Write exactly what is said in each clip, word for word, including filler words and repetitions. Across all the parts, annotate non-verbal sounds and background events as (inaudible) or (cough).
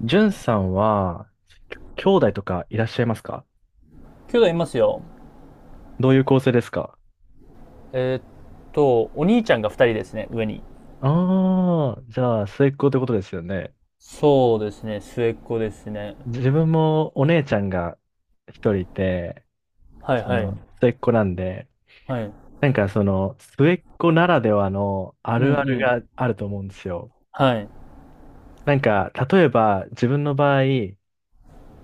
じゅんさんは、きょ兄弟とかいらっしゃいますか？兄弟いますよ。どういう構成ですか？えーっと、お兄ちゃんがふたりですね、上に。ああー、じゃあ、末っ子ってことですよね。そうですね、末っ子ですね。自分もお姉ちゃんが一人いて、はいそはい。の、末っ子なんで、はい。なんかその、末っ子ならではのあうんうるあるん。があると思うんですよ。はい。なんか、例えば、自分の場合、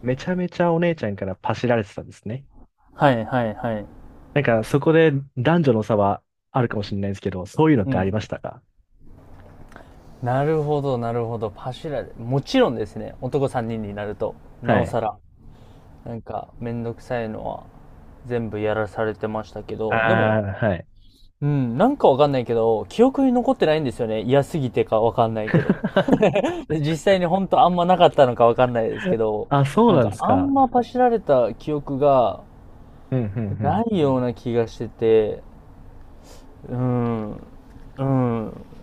めちゃめちゃお姉ちゃんからパシられてたんですね。はいはいはい。なんか、そこで男女の差はあるかもしれないんですけど、そういうのっうてありん。ましたか？なるほど、なるほど。パシュラで。もちろんですね、男さんにんにんになると、なはおい。さら、なんか、めんどくさいのは全部やらされてましたけあど、でも、あ、はい。うん、なんかわかんないけど、記憶に残ってないんですよね。嫌すぎてかわかんないけど。で実際に本当あんまなかったのかわかんないですけど、あ、そうなんなんかですあんか。ま走られた記憶がうん、うん、うなん。いような気がしてて、うん、う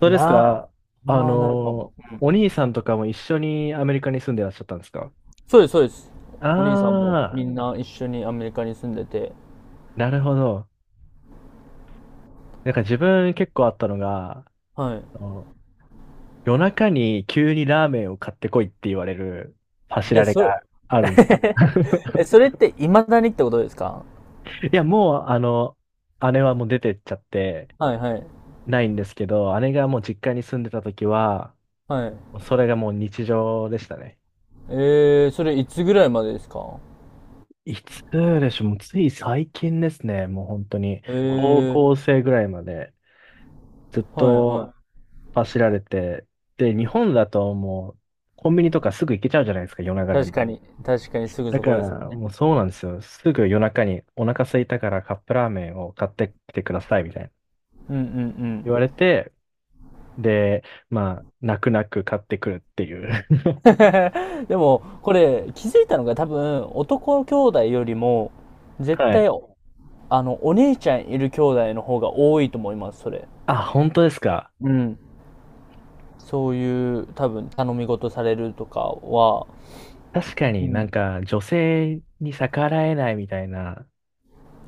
そうですな、か。あまあないかも。の、お兄さんとかも一緒にアメリカに住んでらっしゃったんですか？そうです、そうです。お兄さんもみああんな一緒にアメリカに住んでて、ー、なるほど。なんか自分結構あったのが、はい。あの夜中に急にラーメンを買ってこいって言われるパシえ、られそがあれ、るんですよ。(laughs) (laughs) え、それって未だにってことですか？いや、もう、あの、姉はもう出てっちゃってはいはい。ないんですけど、姉がもう実家に住んでた時は、はい。それがもう日常でしたね。えー、それいつぐらいまでですか？いつでしょう、もうつい最近ですね、もう本当に、え高ー、校生ぐらいまでずっはいとは走られて、で、日本だともうコンビニとかすぐ行けちゃうじゃないですか、夜い。中で確も。かに、確かにすぐだそかこですらね。もうそうなんですよ、すぐ夜中にお腹空いたからカップラーメンを買ってきてくださいみたいなうんうんうん。言われて、で、まあ、泣く泣く買ってくるっていう。(laughs) (laughs) でも、これ、気づいたのが多分、男兄弟よりも、絶はい。対、あの、お姉ちゃんいる兄弟の方が多いと思います、それ。あ、本当ですか。うん。そういう、多分、頼み事されるとかは、確かうになんん。か女性に逆らえないみたいな。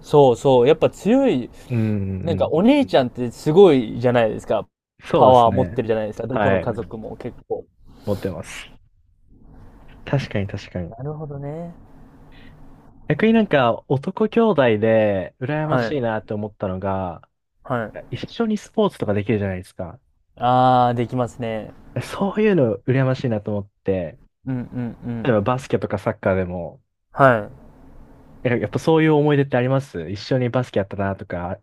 そうそう、やっぱ強い、うんうんなうんかん。お姉ちゃんってすごいじゃないですか。そパうですワー持ってね。るじゃないですか、どこのは家い。族も結構。持ってます。確かに確かに。なるほどね。逆になんか男兄弟で羨まはしいい、なって思ったのが、はい。一緒にスポーツとかできるじゃないですか。あー、できますね。そういうの羨ましいなと思って、うんうんう例えん。ばバスケとかサッカーでも、はい。えやっぱそういう思い出ってあります？一緒にバスケやったなとか。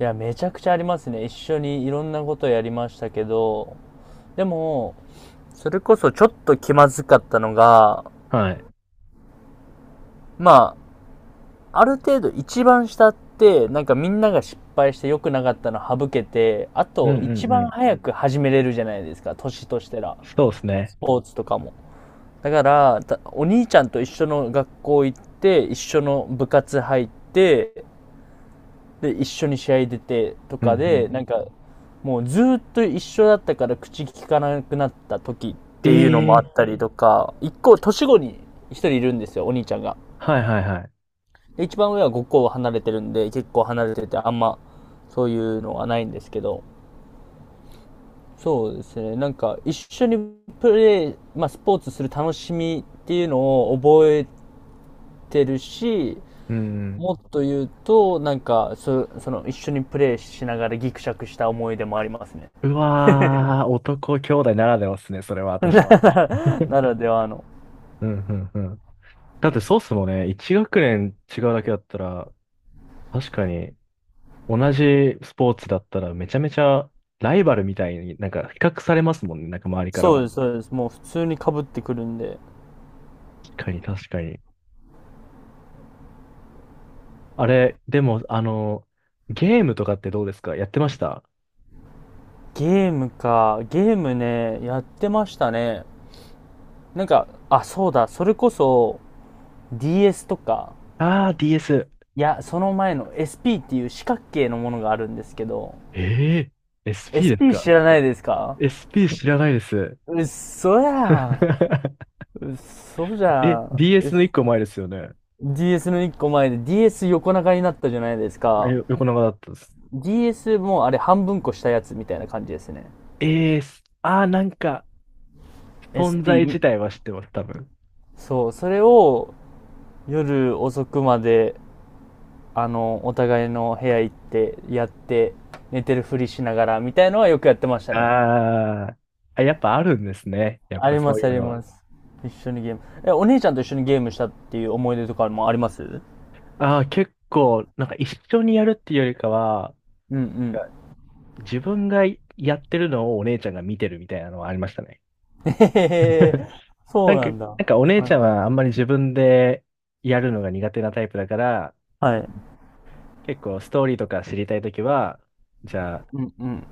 いや、めちゃくちゃありますね。一緒にいろんなことやりましたけど、でも、それこそちょっと気まずかったのが、はい。まあ、ある程度一番下って、なんかみんなが失敗して良くなかったの省けて、あうんとう一んう番ん。早く始めれるじゃないですか、年としてら。そうですね。スポーツとかも。だから、お兄ちゃんと一緒の学校行って、一緒の部活入って、で、一緒に試合出てとうんうかん。で、なんか、もうずーっと一緒だったから口聞かなくなった時っていうのもあえっえ。たりとか、一個年後に一人いるんですよ、お兄ちゃんが。はいはいはい。で、一番上はごこ離れてるんで、結構離れてて、あんまそういうのはないんですけど、そうですね、なんか一緒にプレー、まあスポーツする楽しみっていうのを覚えてるし、うん。もっと言うと、なんかそ、その一緒にプレーしながらギクシャクした思い出もありますね。うわー、男兄弟ならではですね、それは確かに。(laughs) な (laughs) らではの。うんうんうん。だってそうっすもんね、一学年違うだけだったら、確かに同じスポーツだったらめちゃめちゃライバルみたいになんか比較されますもんね、なんか周りからそうも。です、そうです。もう普通に被ってくるんで。確かに確かに。あれ、でもあの、ゲームとかってどうですか？やってました？ゲームか。ゲームね、やってましたね。なんか、あ、そうだ。それこそ ディーエス とか、あー、ディーエス。いや、その前の エスピー っていう四角形のものがあるんですけど、えー、SP です エスピー か？ 知らないですか？ エスピー 知らないです。うっそやん。(laughs) うっそじゃえ、ん。ディーエス の一 S- 個前ですよね。DS の一個前で ディーエス 横長になったじゃないですあか。よ横長だったです。DS もあれ半分こしたやつみたいな感じですね。えー、あー、なんか存在自 エスピー、 体は知ってます、多分。そうそれを夜遅くまで、あのお互いの部屋行ってやって、寝てるふりしながらみたいのはよくやってましたね。あー。あ、やっぱあるんですね。やっあぱりそまういすあうりのは。ます。一緒にゲーム、えお姉ちゃんと一緒にゲームしたっていう思い出とかもあります。うんああ、結構、なんか一緒にやるっていうよりかは、うん。 自分がやってるのをお姉ちゃんが見てるみたいなのはありましたね。(laughs) へへへ (laughs) (laughs) なそうんなか、んだ。はなんかお姉ちゃんはあんまり自分でやるのが苦手なタイプだから、いはい。結構ストーリーとか知りたいときは、じゃあうんうん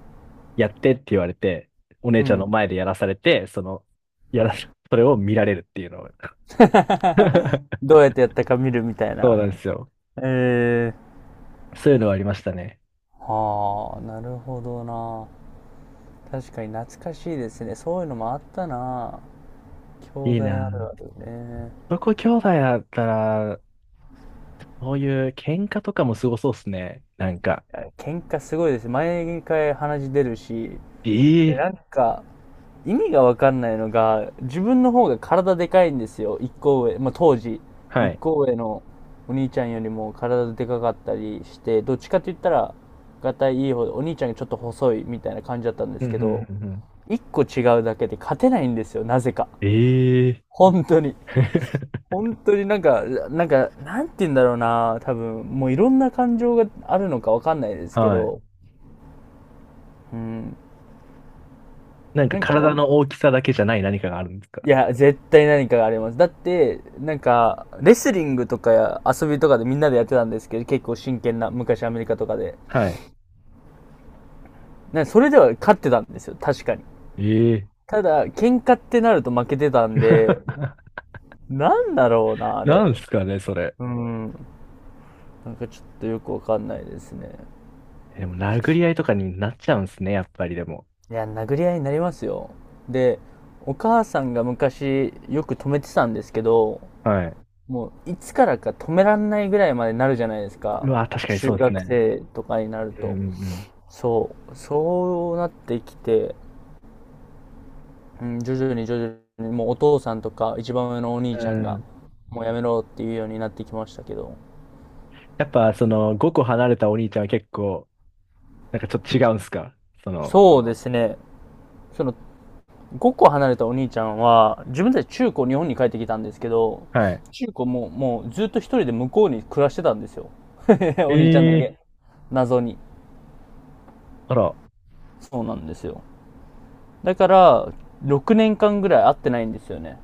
やってって言われて、お姉うちゃんのん。 前でやらされて、その、やら、それを見られるっていうのを。(laughs) (laughs) どうやってやったか見るみたいそうな。なんですよ。えー、そういうのはありましたね。はあ、なるほどな。確かに懐かしいですね、そういうのもあったな。兄いい弟あるあな。るね。男兄弟だったら、そういう喧嘩とかもすごそうっすね。なんか。喧嘩すごいです。毎回鼻血出るし、で、ええ。なんか、意味がわかんないのが、自分の方が体でかいんですよ。一個上。まあ、当時、は一い。個上のお兄ちゃんよりも体でかかったりして、どっちかって言ったら、がたいいい方で、お兄ちゃんがちょっと細いみたいな感じだったんでうすんうけんど、うんうん。一個違うだけで勝てないんですよ。なぜか。ええ。 本当に。(laughs) 本当になんか、なんか、なんて言うんだろうな、多分、もういろんな感情があるのかわかんないですけはい。ど、うん、なんかなんかお体いの大きさだけじゃない何かがあるんですか？や、絶対何かがあります。だって、なんか、レスリングとかや遊びとかでみんなでやってたんですけど、結構真剣な、昔アメリカとかで。はい。なんかそれでは勝ってたんですよ、確かに。ええ。 ただ、喧嘩ってなると負けてたんで、(laughs) なんだろうな、あなれ。んすかね、それ。うん、なんかちょっとよくわかんないですね。でも、殴り合いとかになっちゃうんすね、やっぱりでも。いや、殴り合いになりますよ。で、お母さんが昔よく止めてたんですけど、はい。もういつからか止めらんないぐらいまでなるじゃないですか。うわ、確かに中そうです学ね。生とかになるうと。んそう、そうなってきて、うん、徐々に徐々に、もうお父さんとか一番上のおう兄んちゃんうん。うが、ん。もうやめろっていうようになってきましたけど。やっぱ、その、ごこ離れたお兄ちゃんは結構、なんかちょっと違うんすか？その、そうですね。そのごこ離れたお兄ちゃんは、自分たち中高日本に帰ってきたんですけど、はい。中高ももうずっと一人で向こうに暮らしてたんですよ。(laughs) お兄ちゃんだええ。け。謎に。あら、そうなんですよ。だから、ろくねんかんぐらい会ってないんですよね。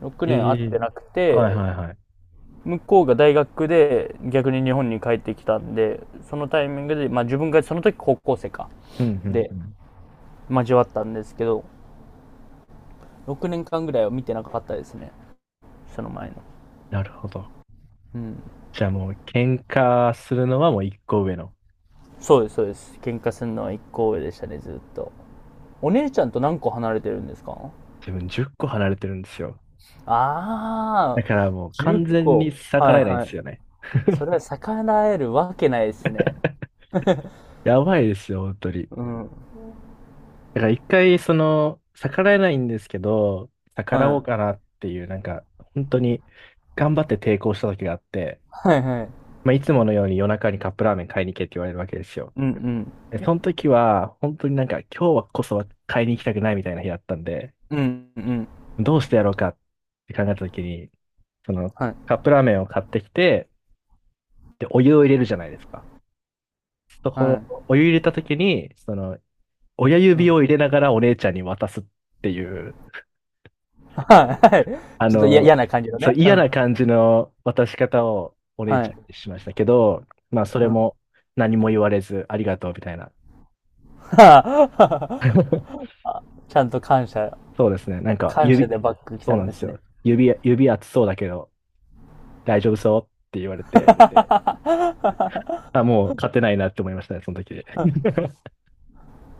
6え年会っえ。てなくて、はいはいはい。向こうが大学で逆に日本に帰ってきたんで、そのタイミングで、まあ自分がその時高校生か。うんうんで、うん。交わったんですけど、ろくねんかんぐらいは見てなかったですね。その前の。なるほど。うん。じゃあもう喧嘩するのはもう一個上の。そうです、そうです。喧嘩するのはいっこ上でしたね、ずっと。お姉ちゃんと何個離れてるんですか？自分じゅっこ離れてるんですよ。あだあ、からもう10完全に個。逆はらいえないんはでい。すよね。それは逆らえるわけないですね。やばいですよ、本当に。うん。だから一回その、逆らえないんですけど、逆らはおうかい。なっていう、なんか、本当に頑張って抵抗した時があって、はいはい。まあいつものように夜中にカップラーメン買いに行けって言われるわけですよ。うんでその時は、本当になんか今日はこそは買いに行きたくないみたいな日だったんで、うん。うんうん。どうしてやろうかって考えたときに、その、はい。カップラーメンを買ってきて、で、お湯を入れるじゃないですか。そはい。こ、お湯入れたときに、その、親う指ん。を入れながらお姉ちゃんに渡すっていう、はいはい。あちょっと嫌の、嫌な感じのそう、ね。う嫌ん。な感じの渡し方をお姉はちゃい。んにしましたけど、まあ、そうれん。(laughs) も何も言われず、ありがとうみたいな。はあ、はあ、 (laughs) ちゃんと感謝、そうですね。なんか、感謝で指、バック来そうたなんんでですすね。よ。指、指熱そうだけど、大丈夫そうって言われて、(laughs) あ、もう勝てないなって思いましたね、その時で。(laughs)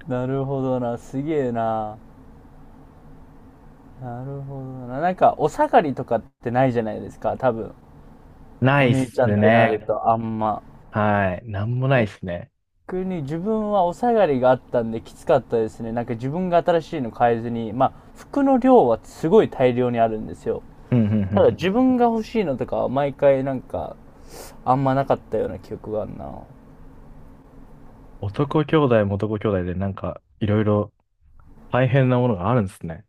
なるほどな。すげえな。なるほどな。なんか、お下がりとかってないじゃないですか、多分。なおいっ姉ちゃんすってなるね。と、あんま。はい。なんもないっすね。逆に自分はお下がりがあったんできつかったですね。なんか自分が新しいの買えずに、まあ、服の量はすごい大量にあるんですよ。うん、うん、うん。うただ自ん。分が欲しいのとかは毎回なんか、あんまなかったような記憶があるな。男兄弟も男兄弟でなんかいろいろ大変なものがあるんですね。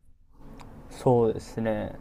そうですね。